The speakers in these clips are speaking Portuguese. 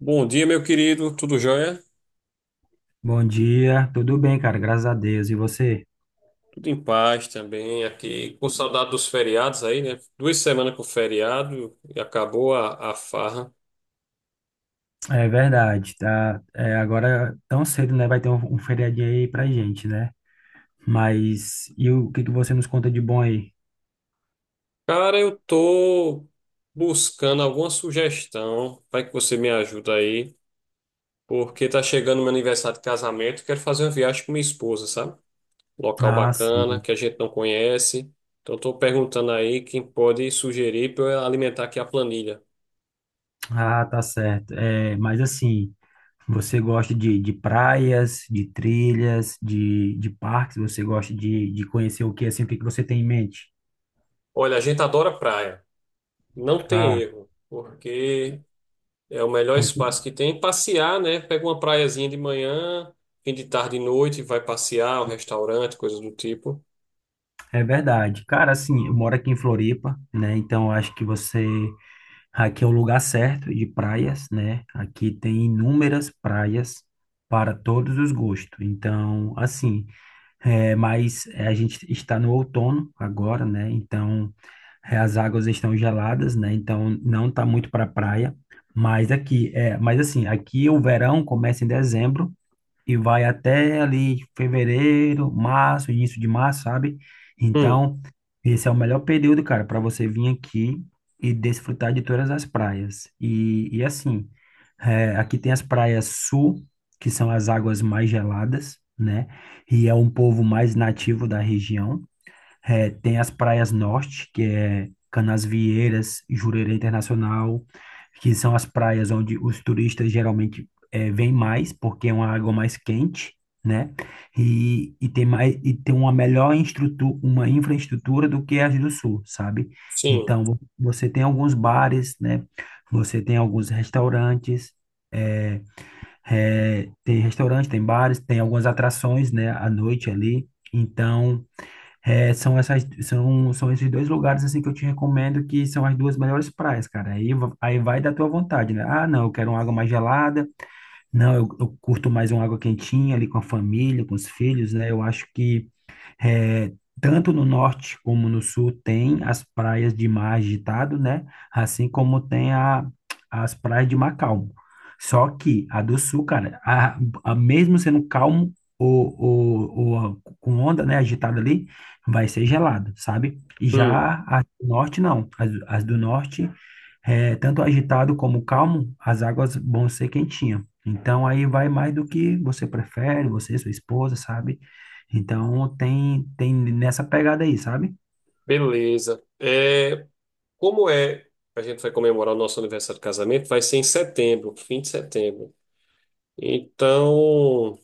Bom dia, meu querido. Tudo jóia? Bom dia, tudo bem, cara? Graças a Deus. E você? Tudo em paz também aqui. Com saudade dos feriados aí, né? Duas semanas com feriado e acabou a farra. É verdade, tá? Agora tão cedo, né? Vai ter um feriadinho aí pra gente, né? Mas e o que que você nos conta de bom aí? Cara, eu tô buscando alguma sugestão. Vai que você me ajuda aí. Porque tá chegando meu aniversário de casamento. Quero fazer uma viagem com minha esposa, sabe? Local Ah, bacana, sim. que a gente não conhece. Então tô perguntando aí quem pode sugerir para eu alimentar aqui a planilha. Ah, tá certo. Mas assim, você gosta de praias, de trilhas, de parques? Você gosta de conhecer o que assim? O que que você tem em mente? Olha, a gente adora praia. Não tem Ah, erro. Porque é o melhor não, espaço que tem. Passear, né? Pega uma praiazinha de manhã, fim de tarde e noite, vai passear, um restaurante, coisas do tipo. é verdade. Cara, assim, eu moro aqui em Floripa, né? Então eu acho que você aqui é o lugar certo de praias, né? Aqui tem inúmeras praias para todos os gostos. Então, assim, mas a gente está no outono agora, né? Então, as águas estão geladas, né? Então, não está muito para praia. Mas assim, aqui o verão começa em dezembro e vai até ali fevereiro, março, início de março, sabe? Hum, Então, esse é o melhor período, cara, para você vir aqui e desfrutar de todas as praias. E assim, aqui tem as praias sul, que são as águas mais geladas, né? E é um povo mais nativo da região. É, tem as praias norte, que é Canasvieiras, Jurerê Internacional, que são as praias onde os turistas geralmente vêm mais, porque é uma água mais quente, né? E tem uma melhor uma infraestrutura do que as do sul, sabe? sim. Então, você tem alguns bares, né? Você tem alguns restaurantes, é, tem restaurante, tem bares, tem algumas atrações, né? À noite ali. Então, são esses dois lugares assim que eu te recomendo, que são as duas melhores praias, cara. Aí, aí vai da tua vontade, né? Ah, não, eu quero uma água mais gelada. Não, eu curto mais uma água quentinha ali com a família, com os filhos, né? Eu acho que é, tanto no norte como no sul tem as praias de mar agitado, né? Assim como tem as praias de mar calmo. Só que a do sul, cara, a mesmo sendo calmo ou com onda, né, agitada ali, vai ser gelado, sabe? Hum, Já a do norte, não. As do norte, é, tanto agitado como calmo, as águas vão ser quentinhas. Então, aí vai mais do que você prefere, você, sua esposa, sabe? Então, tem nessa pegada aí, sabe? beleza. É, como é? A gente vai comemorar o nosso aniversário de casamento, vai ser em setembro, fim de setembro. Então,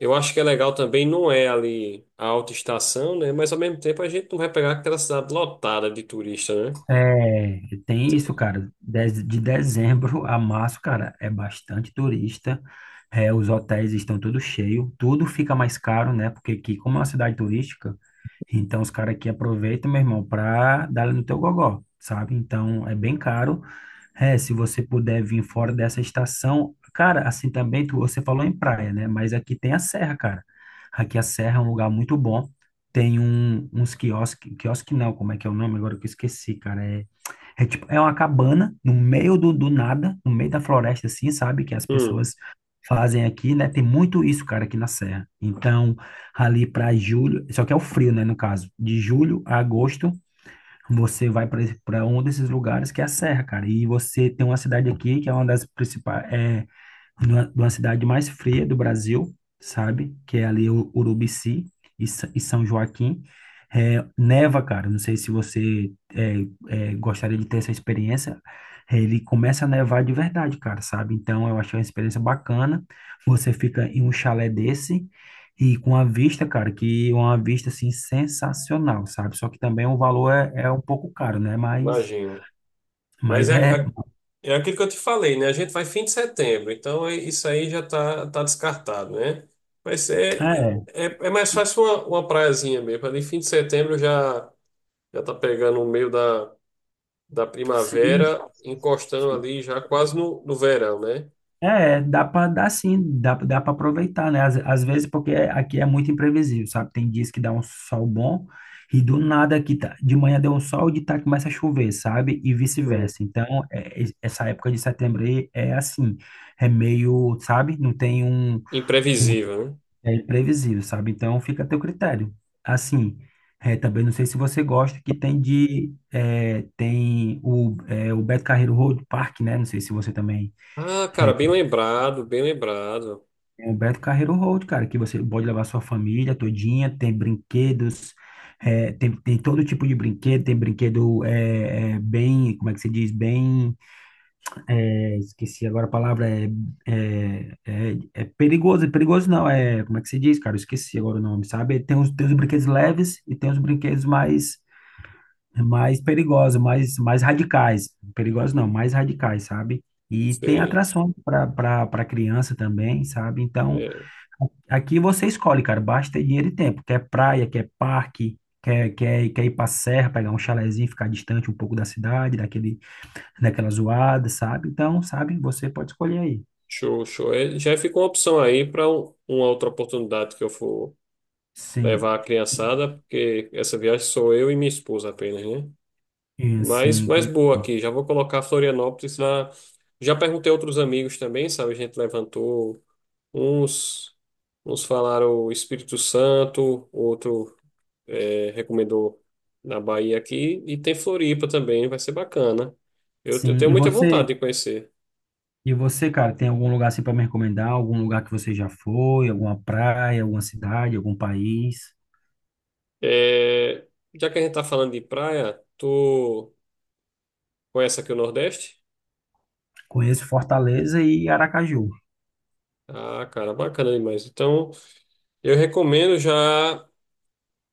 eu acho que é legal também, não é ali a alta estação, né? Mas ao mesmo tempo a gente não vai pegar aquela cidade lotada de turista, né? É, tem isso, cara. De dezembro a março, cara, é bastante turista. É, os hotéis estão tudo cheio, tudo fica mais caro, né? Porque aqui, como é uma cidade turística, então os caras aqui aproveitam, meu irmão, pra dar no teu gogó, sabe? Então é bem caro. É, se você puder vir fora dessa estação, cara, assim também, você falou em praia, né? Mas aqui tem a serra, cara. Aqui a serra é um lugar muito bom. Tem um, uns quiosques, quiosque não, como é que é o nome? Agora que eu esqueci, cara. É tipo, é uma cabana no meio do nada, no meio da floresta, assim, sabe? Que as Hum, pessoas fazem aqui, né? Tem muito isso, cara, aqui na Serra. Então, ali para julho, só que é o frio, né? No caso, de julho a agosto, você vai para um desses lugares que é a Serra, cara. E você tem uma cidade aqui que é uma das principais, é, de uma cidade mais fria do Brasil, sabe? Que é ali o Urubici e São Joaquim. É, neva, cara. Não sei se você é, é, gostaria de ter essa experiência. É, ele começa a nevar de verdade, cara, sabe? Então eu achei uma experiência bacana. Você fica em um chalé desse e com a vista, cara, que é uma vista assim sensacional, sabe? Só que também o valor é um pouco caro, né? Mas, imagina. Mas mas é, é, é aquilo que eu te falei, né? A gente vai fim de setembro, então isso aí já tá, tá descartado, né? Mas é, é mais fácil uma praiazinha mesmo. Ali fim de setembro já, já tá pegando o meio da sim, primavera, encostando ali já quase no verão, né? é, dá pra dar sim, dá para aproveitar, né? Às vezes, porque é, aqui é muito imprevisível, sabe? Tem dias que dá um sol bom e do nada aqui tá, de manhã deu um sol e de tarde começa a chover, sabe? E Hum. vice-versa. Então, essa época de setembro aí é assim, é meio, sabe? Não tem um, um- Imprevisível, né? é imprevisível, sabe? Então, fica a teu critério. Assim, é, também não sei se você gosta que tem de, é, tem o, é, o Beto Carreiro Road Park, né? Não sei se você também. Ah, cara, É, bem lembrado, bem lembrado. tem o Beto Carreiro Road, cara, que você pode levar sua família todinha, tem brinquedos, é, tem todo tipo de brinquedo, tem brinquedo bem, como é que se diz, bem, é, esqueci agora a palavra, é perigoso não, é, como é que se diz, cara, eu esqueci agora o nome, sabe? Tem os brinquedos leves e tem os brinquedos mais perigosos, mais radicais, perigosos não, mais radicais, sabe? E tem Sei. atrações para para criança também, sabe? Então, É, aqui você escolhe, cara, basta ter dinheiro e tempo. Quer praia, quer parque, quer ir pra serra, pegar um chalezinho, ficar distante um pouco da cidade, daquela zoada, sabe? Então, sabe, você pode escolher aí. show, show. É, já fica uma opção aí para uma outra oportunidade que eu for Sim, levar a criançada, porque essa viagem sou eu e minha esposa apenas, né? e Mas, sim, mas tem- boa aqui, já vou colocar Florianópolis na. Já perguntei a outros amigos também, sabe? A gente levantou uns, uns falaram Espírito Santo, outro recomendou na Bahia aqui, e tem Floripa também, vai ser bacana. Eu sim. tenho E muita vontade você, de conhecer. Cara, tem algum lugar assim para me recomendar? Algum lugar que você já foi? Alguma praia, alguma cidade, algum país? Eh, Já que a gente tá falando de praia, tu conhece aqui o Nordeste? Conheço Fortaleza e Aracaju. Ah, cara, bacana demais. Então, eu recomendo já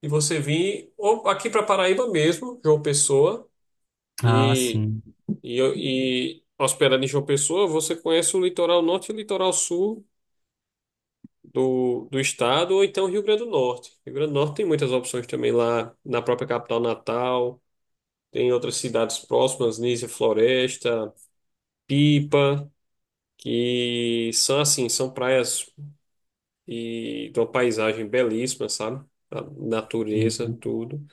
que você vir ou aqui para Paraíba mesmo, João Pessoa, Ah, e, sim, e, e hospedado em João Pessoa, você conhece o litoral norte e o litoral sul do estado, ou então Rio Grande do Norte. Rio Grande do Norte tem muitas opções também lá na própria capital Natal, tem outras cidades próximas, Nísia Floresta, Pipa, que são assim, são praias e de uma paisagem belíssima, sabe? A natureza, sim, tudo.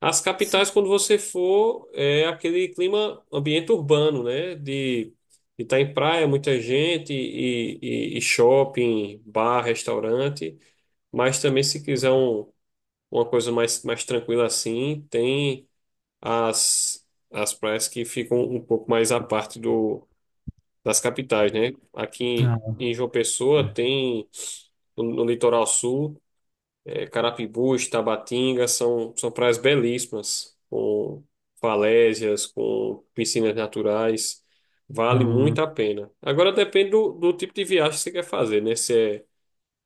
As sim. capitais, quando você for, é aquele clima, ambiente urbano, né? De estar em praia, muita gente, e, e shopping, bar, restaurante. Mas também, se quiser um, uma coisa mais, mais tranquila assim, tem as praias que ficam um pouco mais à parte do, das capitais, né? Aqui Ah, em João Pessoa tem no litoral sul. É, Carapibus, Tabatinga são, são praias belíssimas, com falésias, com piscinas naturais. Vale hum, muito a pena. Agora depende do tipo de viagem que você quer fazer, né?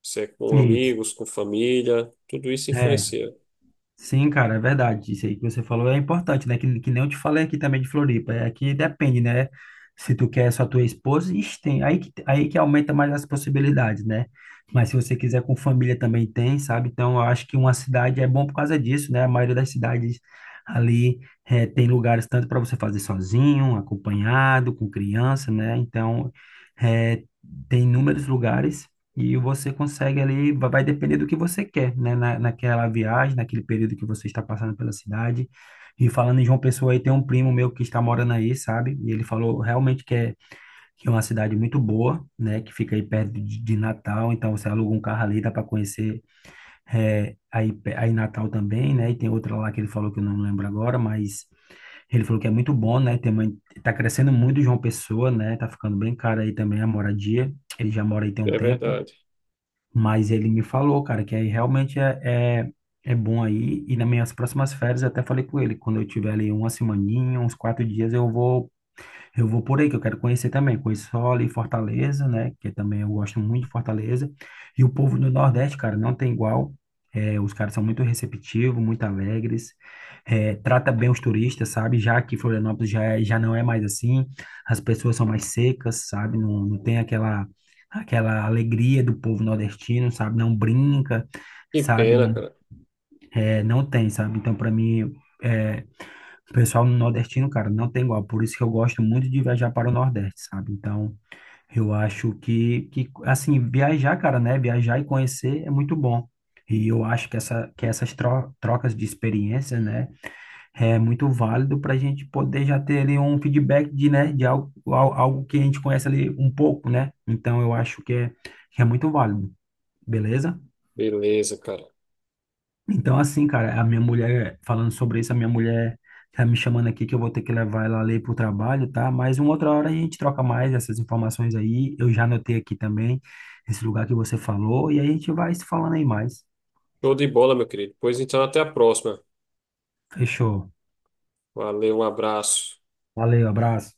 Se é com isso. amigos, com família, tudo isso É. influencia. Sim, cara, é verdade. Isso aí que você falou é importante, né? Que nem eu te falei aqui também de Floripa. É que depende, né? Se tu quer só tua esposa, ixi, tem. Aí que aumenta mais as possibilidades, né? Mas se você quiser com família também tem, sabe? Então eu acho que uma cidade é bom por causa disso, né? A maioria das cidades ali tem lugares tanto para você fazer sozinho, acompanhado, com criança, né? Então eh, tem inúmeros lugares. E você consegue ali, vai depender do que você quer, né? Naquela viagem, naquele período que você está passando pela cidade. E falando em João Pessoa, aí tem um primo meu que está morando aí, sabe? E ele falou realmente que é uma cidade muito boa, né? Que fica aí perto de Natal. Então você aluga um carro ali, dá para conhecer é, aí, aí Natal também, né? E tem outra lá que ele falou que eu não lembro agora, mas ele falou que é muito bom, né? Tem uma, tá crescendo muito João Pessoa, né? Tá ficando bem caro aí também a moradia. Ele já mora aí tem um É tempo. verdade. Mas ele me falou, cara, que aí realmente é bom aí. E nas minhas próximas férias, eu até falei com ele, quando eu tiver ali uma semaninha, uns quatro dias, eu vou por aí, que eu quero conhecer também. Conheço só ali Fortaleza, né? Que também eu gosto muito de Fortaleza. E o povo do Nordeste, cara, não tem igual. É, os caras são muito receptivos, muito alegres. É, trata bem os turistas, sabe? Já que Florianópolis já, já não é mais assim. As pessoas são mais secas, sabe? Não, não tem aquela alegria do povo nordestino, sabe? Não brinca, Que sabe? pena, Não, cara. é, não tem, sabe? Então, para mim. É, o pessoal no nordestino, cara, não tem igual. Por isso que eu gosto muito de viajar para o Nordeste, sabe? Então, eu acho que assim, viajar, cara, né? Viajar e conhecer é muito bom. E eu acho que, essa, que essas trocas de experiência, né, é muito válido para a gente poder já ter ali um feedback de, né, de algo, algo que a gente conhece ali um pouco, né? Então, eu acho que é muito válido, beleza? Beleza, cara. Então, assim, cara, a minha mulher tá me chamando aqui que eu vou ter que levar ela ali pro trabalho, tá? Mas uma outra hora a gente troca mais essas informações aí. Eu já anotei aqui também esse lugar que você falou e aí a gente vai se falando aí mais. Show de bola, meu querido. Pois então, até a próxima. Fechou. Valeu, um abraço. Valeu, abraço.